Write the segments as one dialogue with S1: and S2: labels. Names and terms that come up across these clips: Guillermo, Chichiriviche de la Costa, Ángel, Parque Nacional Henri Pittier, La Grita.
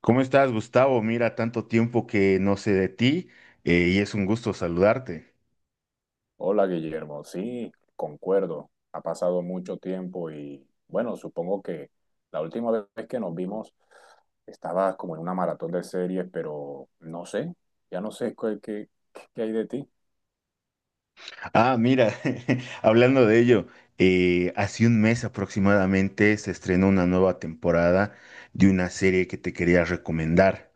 S1: ¿Cómo estás, Gustavo? Mira, tanto tiempo que no sé de ti y es un gusto saludarte.
S2: Hola Guillermo, sí, concuerdo. Ha pasado mucho tiempo y bueno, supongo que la última vez que nos vimos estabas como en una maratón de series, pero no sé, ya no sé qué hay de ti.
S1: Ah, mira, hablando de ello, hace un mes aproximadamente se estrenó una nueva temporada de una serie que te quería recomendar.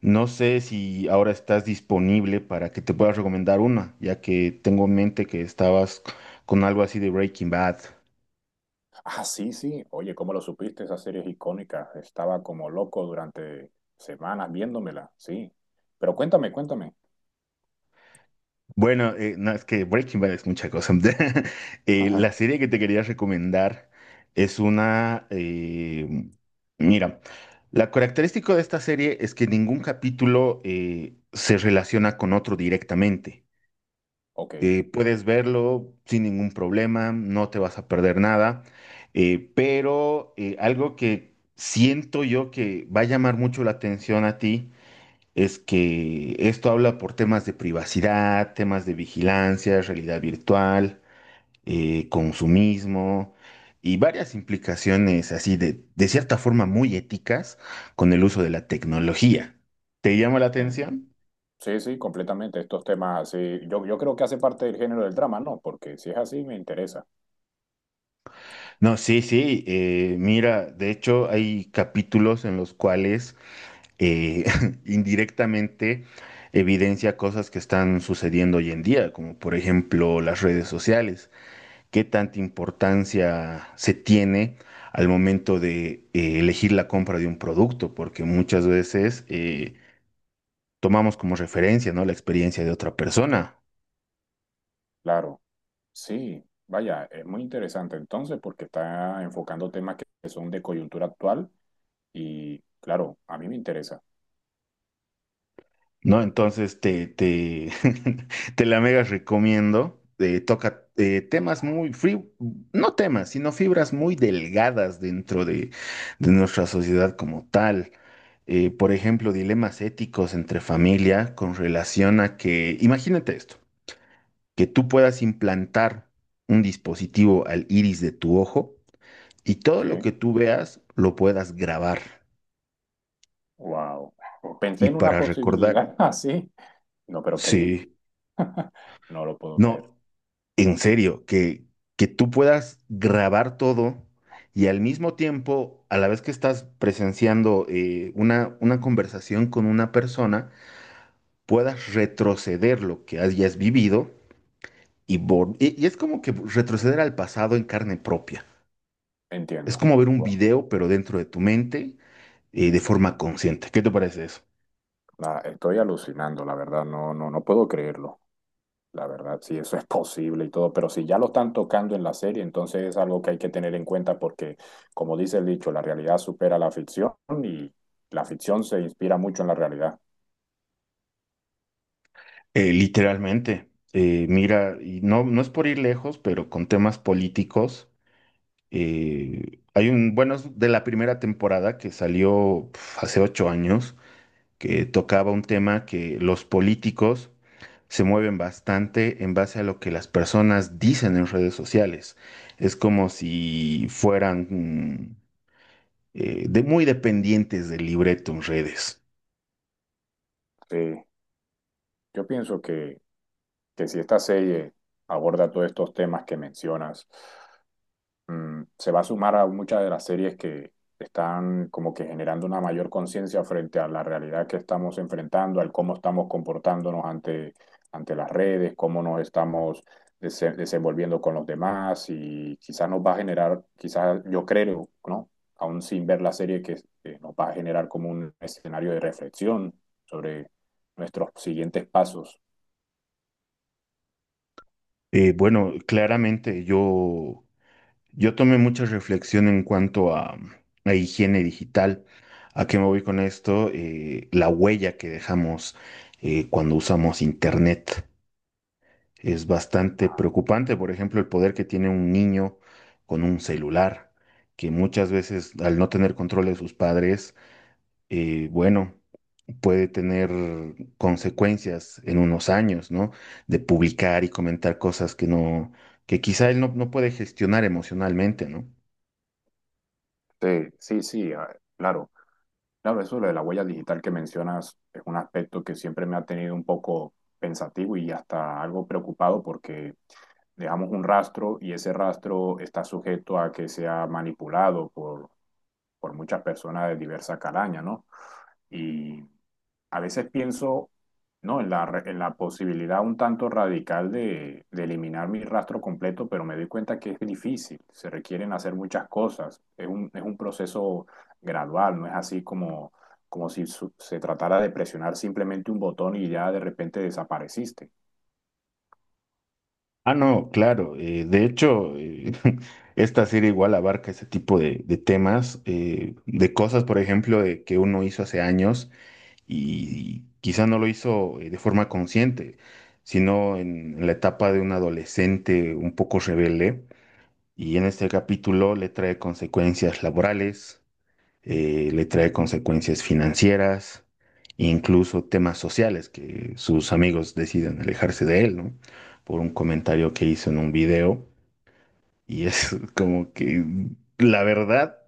S1: No sé si ahora estás disponible para que te pueda recomendar una, ya que tengo en mente que estabas con algo así de Breaking Bad.
S2: Ah, sí, sí, oye, ¿cómo lo supiste? Esa serie es icónica. Estaba como loco durante semanas viéndomela, sí. Pero cuéntame.
S1: Bueno, no, es que Breaking Bad es mucha cosa. La serie que te quería recomendar es una... mira, la característica de esta serie es que ningún capítulo se relaciona con otro directamente.
S2: Ok. Eh,
S1: Puedes verlo sin ningún problema, no te vas a perder nada, algo que siento yo que va a llamar mucho la atención a ti es que esto habla por temas de privacidad, temas de vigilancia, realidad virtual, consumismo y varias implicaciones así de cierta forma muy éticas con el uso de la tecnología. ¿Te llama la atención?
S2: sí, sí, completamente. Estos temas así, yo creo que hace parte del género del drama, ¿no? Porque si es así, me interesa.
S1: No, sí, sí, mira, de hecho hay capítulos en los cuales eh, indirectamente evidencia cosas que están sucediendo hoy en día, como por ejemplo las redes sociales. Qué tanta importancia se tiene al momento de elegir la compra de un producto, porque muchas veces tomamos como referencia, ¿no? La experiencia de otra persona,
S2: Claro. Sí, vaya, es muy interesante entonces porque está enfocando temas que son de coyuntura actual y claro, a mí me interesa.
S1: ¿no? Entonces te la mega recomiendo. Toca temas muy, no temas, sino fibras muy delgadas dentro de nuestra sociedad como tal por ejemplo, dilemas éticos entre familia con relación a que, imagínate esto, que tú puedas implantar un dispositivo al iris de tu ojo y todo lo que
S2: Sí,
S1: tú veas lo puedas grabar.
S2: wow. Pensé
S1: Y
S2: en una
S1: para recordar,
S2: posibilidad así, no, pero creí.
S1: sí,
S2: No lo puedo creer.
S1: no, en serio, que tú puedas grabar todo y al mismo tiempo, a la vez que estás presenciando una conversación con una persona, puedas retroceder lo que hayas vivido y, y es como que retroceder al pasado en carne propia. Es
S2: Entiendo.
S1: como ver un
S2: Wow.
S1: video, pero dentro de tu mente de forma consciente. ¿Qué te parece eso?
S2: Nada, estoy alucinando, la verdad, no, no, no puedo creerlo. La verdad, sí, eso es posible y todo, pero si ya lo están tocando en la serie, entonces es algo que hay que tener en cuenta porque, como dice el dicho, la realidad supera la ficción y la ficción se inspira mucho en la realidad.
S1: Literalmente, mira, y no, no es por ir lejos, pero con temas políticos, hay un, bueno, es de la primera temporada que salió pf, hace 8 años, que tocaba un tema que los políticos se mueven bastante en base a lo que las personas dicen en redes sociales. Es como si fueran de muy dependientes del libreto en redes.
S2: Sí, yo pienso que si esta serie aborda todos estos temas que mencionas, se va a sumar a muchas de las series que están como que generando una mayor conciencia frente a la realidad que estamos enfrentando, al cómo estamos comportándonos ante las redes, cómo nos estamos desenvolviendo con los demás y quizás nos va a generar, quizás yo creo, ¿no? Aún sin ver la serie, que nos va a generar como un escenario de reflexión sobre nuestros siguientes pasos.
S1: Bueno, claramente yo tomé mucha reflexión en cuanto a higiene digital. ¿A qué me voy con esto? La huella que dejamos cuando usamos internet es bastante preocupante. Por ejemplo, el poder que tiene un niño con un celular, que muchas veces al no tener control de sus padres, bueno, puede tener consecuencias en unos años, ¿no? De publicar y comentar cosas que no, que quizá él no puede gestionar emocionalmente, ¿no?
S2: Sí, sí, sí, ah, claro. Claro, eso de lo de la huella digital que mencionas es un aspecto que siempre me ha tenido un poco pensativo y hasta algo preocupado porque dejamos un rastro y ese rastro está sujeto a que sea manipulado por muchas personas de diversa calaña, ¿no? Y a veces pienso, ¿no? En en la posibilidad un tanto radical de eliminar mi rastro completo, pero me doy cuenta que es difícil, se requieren hacer muchas cosas, es un proceso gradual, no es así como si se tratara de presionar simplemente un botón y ya de repente desapareciste.
S1: Ah, no, claro. De hecho, esta serie igual abarca ese tipo de temas, de cosas, por ejemplo, de que uno hizo hace años y quizá no lo hizo de forma consciente, sino en la etapa de un adolescente un poco rebelde. Y en este capítulo le trae consecuencias laborales, le trae consecuencias financieras, incluso temas sociales, que sus amigos deciden alejarse de él, ¿no? Por un comentario que hizo en un video. Y es como que, la verdad,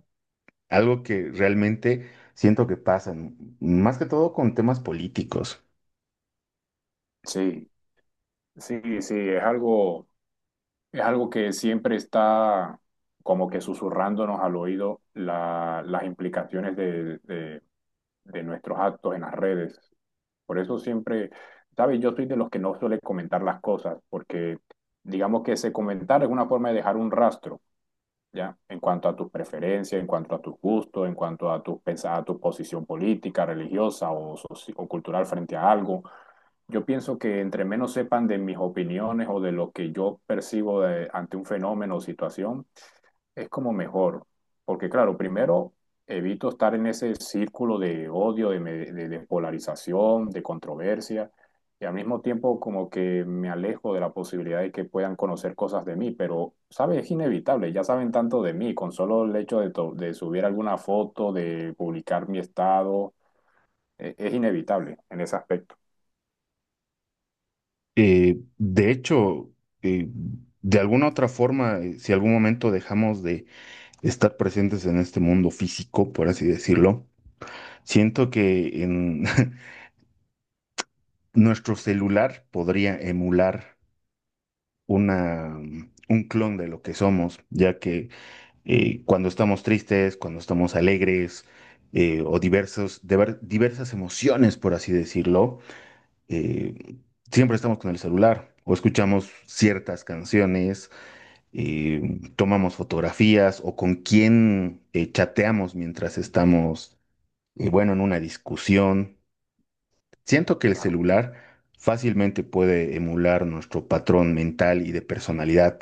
S1: algo que realmente siento que pasa, más que todo con temas políticos.
S2: Sí, sí, sí, es algo que siempre está como que susurrándonos al oído las implicaciones de nuestros actos en las redes. Por eso siempre, ¿sabes? Yo soy de los que no suele comentar las cosas, porque digamos que ese comentar es una forma de dejar un rastro, ¿ya? En cuanto a tus preferencias, en cuanto a tus gustos, en cuanto a a tu posición política, religiosa o cultural frente a algo. Yo pienso que entre menos sepan de mis opiniones o de lo que yo percibo ante un fenómeno o situación, es como mejor, porque claro, primero evito estar en ese círculo de odio, de polarización, de controversia, y al mismo tiempo como que me alejo de la posibilidad de que puedan conocer cosas de mí, pero, ¿sabes? Es inevitable, ya saben tanto de mí, con solo el hecho de subir alguna foto, de publicar mi estado, es inevitable en ese aspecto.
S1: De hecho, eh, de alguna otra forma, si algún momento dejamos de estar presentes en este mundo físico, por así decirlo, siento que en, nuestro celular podría emular una, un clon de lo que somos, ya que cuando estamos tristes, cuando estamos alegres o diversos, diversas emociones, por así decirlo, eh, siempre estamos con el celular o escuchamos ciertas canciones, tomamos fotografías o con quién chateamos mientras estamos, bueno, en una discusión. Siento que el celular fácilmente puede emular nuestro patrón mental y de personalidad.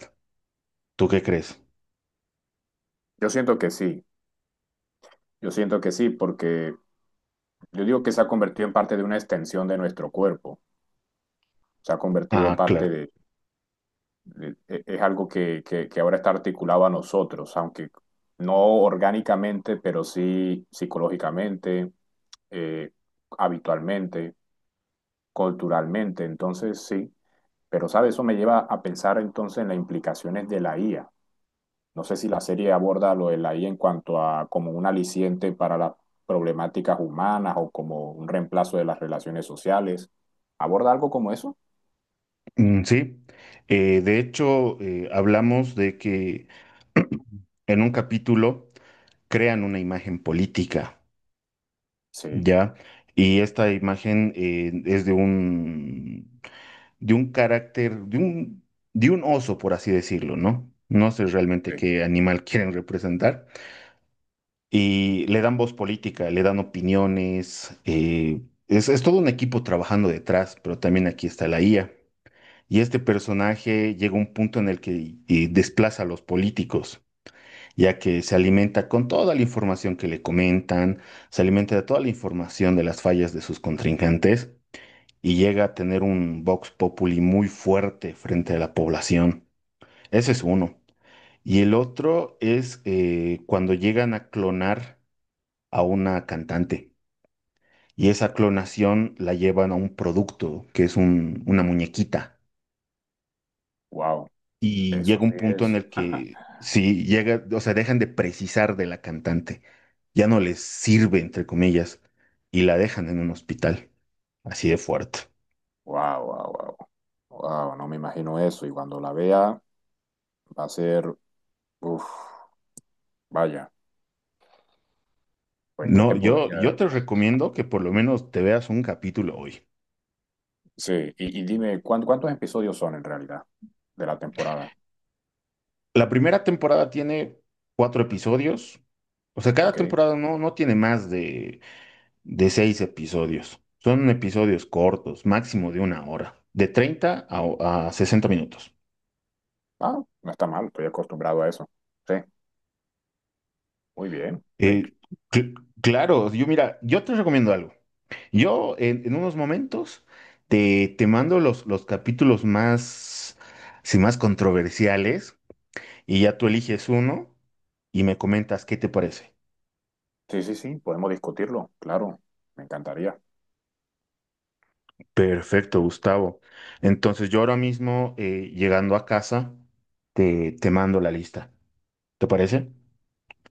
S1: ¿Tú qué crees?
S2: Yo siento que sí, yo siento que sí, porque yo digo que se ha convertido en parte de una extensión de nuestro cuerpo, se ha convertido
S1: Ah,
S2: parte
S1: claro.
S2: de eh, es algo que ahora está articulado a nosotros, aunque no orgánicamente, pero sí psicológicamente, eh, habitualmente, culturalmente. Entonces, sí, pero sabe, eso me lleva a pensar entonces en las implicaciones de la IA. No sé si la serie aborda lo de la IA en cuanto a como un aliciente para las problemáticas humanas o como un reemplazo de las relaciones sociales. ¿Aborda algo como eso?
S1: Mm, sí. De hecho, hablamos de que en un capítulo crean una imagen política,
S2: Sí.
S1: ¿ya? Y esta imagen es de un carácter, de un oso, por así decirlo, ¿no? No sé realmente
S2: Sí.
S1: qué animal quieren representar. Y le dan voz política, le dan opiniones. Es todo un equipo trabajando detrás, pero también aquí está la IA. Y este personaje llega a un punto en el que desplaza a los políticos, ya que se alimenta con toda la información que le comentan, se alimenta de toda la información de las fallas de sus contrincantes y llega a tener un vox populi muy fuerte frente a la población. Ese es uno. Y el otro es cuando llegan a clonar a una cantante. Y esa clonación la llevan a un producto que es una muñequita.
S2: Wow,
S1: Y
S2: eso
S1: llega
S2: sí
S1: un punto en
S2: es.
S1: el que si llega, o sea, dejan de precisar de la cantante, ya no les sirve, entre comillas, y la dejan en un hospital, así de fuerte.
S2: Wow, wow, wow. Wow, no me imagino eso. Y cuando la vea, va a ser, uff, vaya, pues qué
S1: No,
S2: te
S1: yo,
S2: podría...
S1: yo te recomiendo que por lo menos te veas un capítulo hoy.
S2: Sí, y dime, ¿cuán- ¿cuántos episodios son en realidad de la temporada?
S1: La primera temporada tiene 4 episodios, o sea, cada
S2: Ok.
S1: temporada no, no tiene más de 6 episodios. Son episodios cortos, máximo de una hora, de 30 a 60 minutos.
S2: Ah, no está mal, estoy acostumbrado a eso. Sí, muy bien. Sí,
S1: Eh, cl- claro, yo mira, yo te recomiendo algo. Yo en unos momentos te, te mando los capítulos más, sí, más controversiales y ya tú eliges uno y me comentas qué te parece.
S2: sí, sí, sí, podemos discutirlo, claro, me encantaría.
S1: Perfecto, Gustavo. Entonces yo ahora mismo, llegando a casa, te mando la lista. ¿Te parece?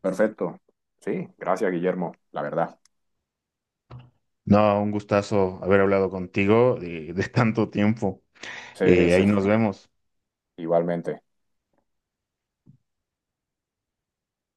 S2: Perfecto. Sí, gracias, Guillermo, la verdad.
S1: No, un gustazo haber hablado contigo de tanto tiempo.
S2: Sí, sí,
S1: Ahí nos vemos.
S2: igualmente.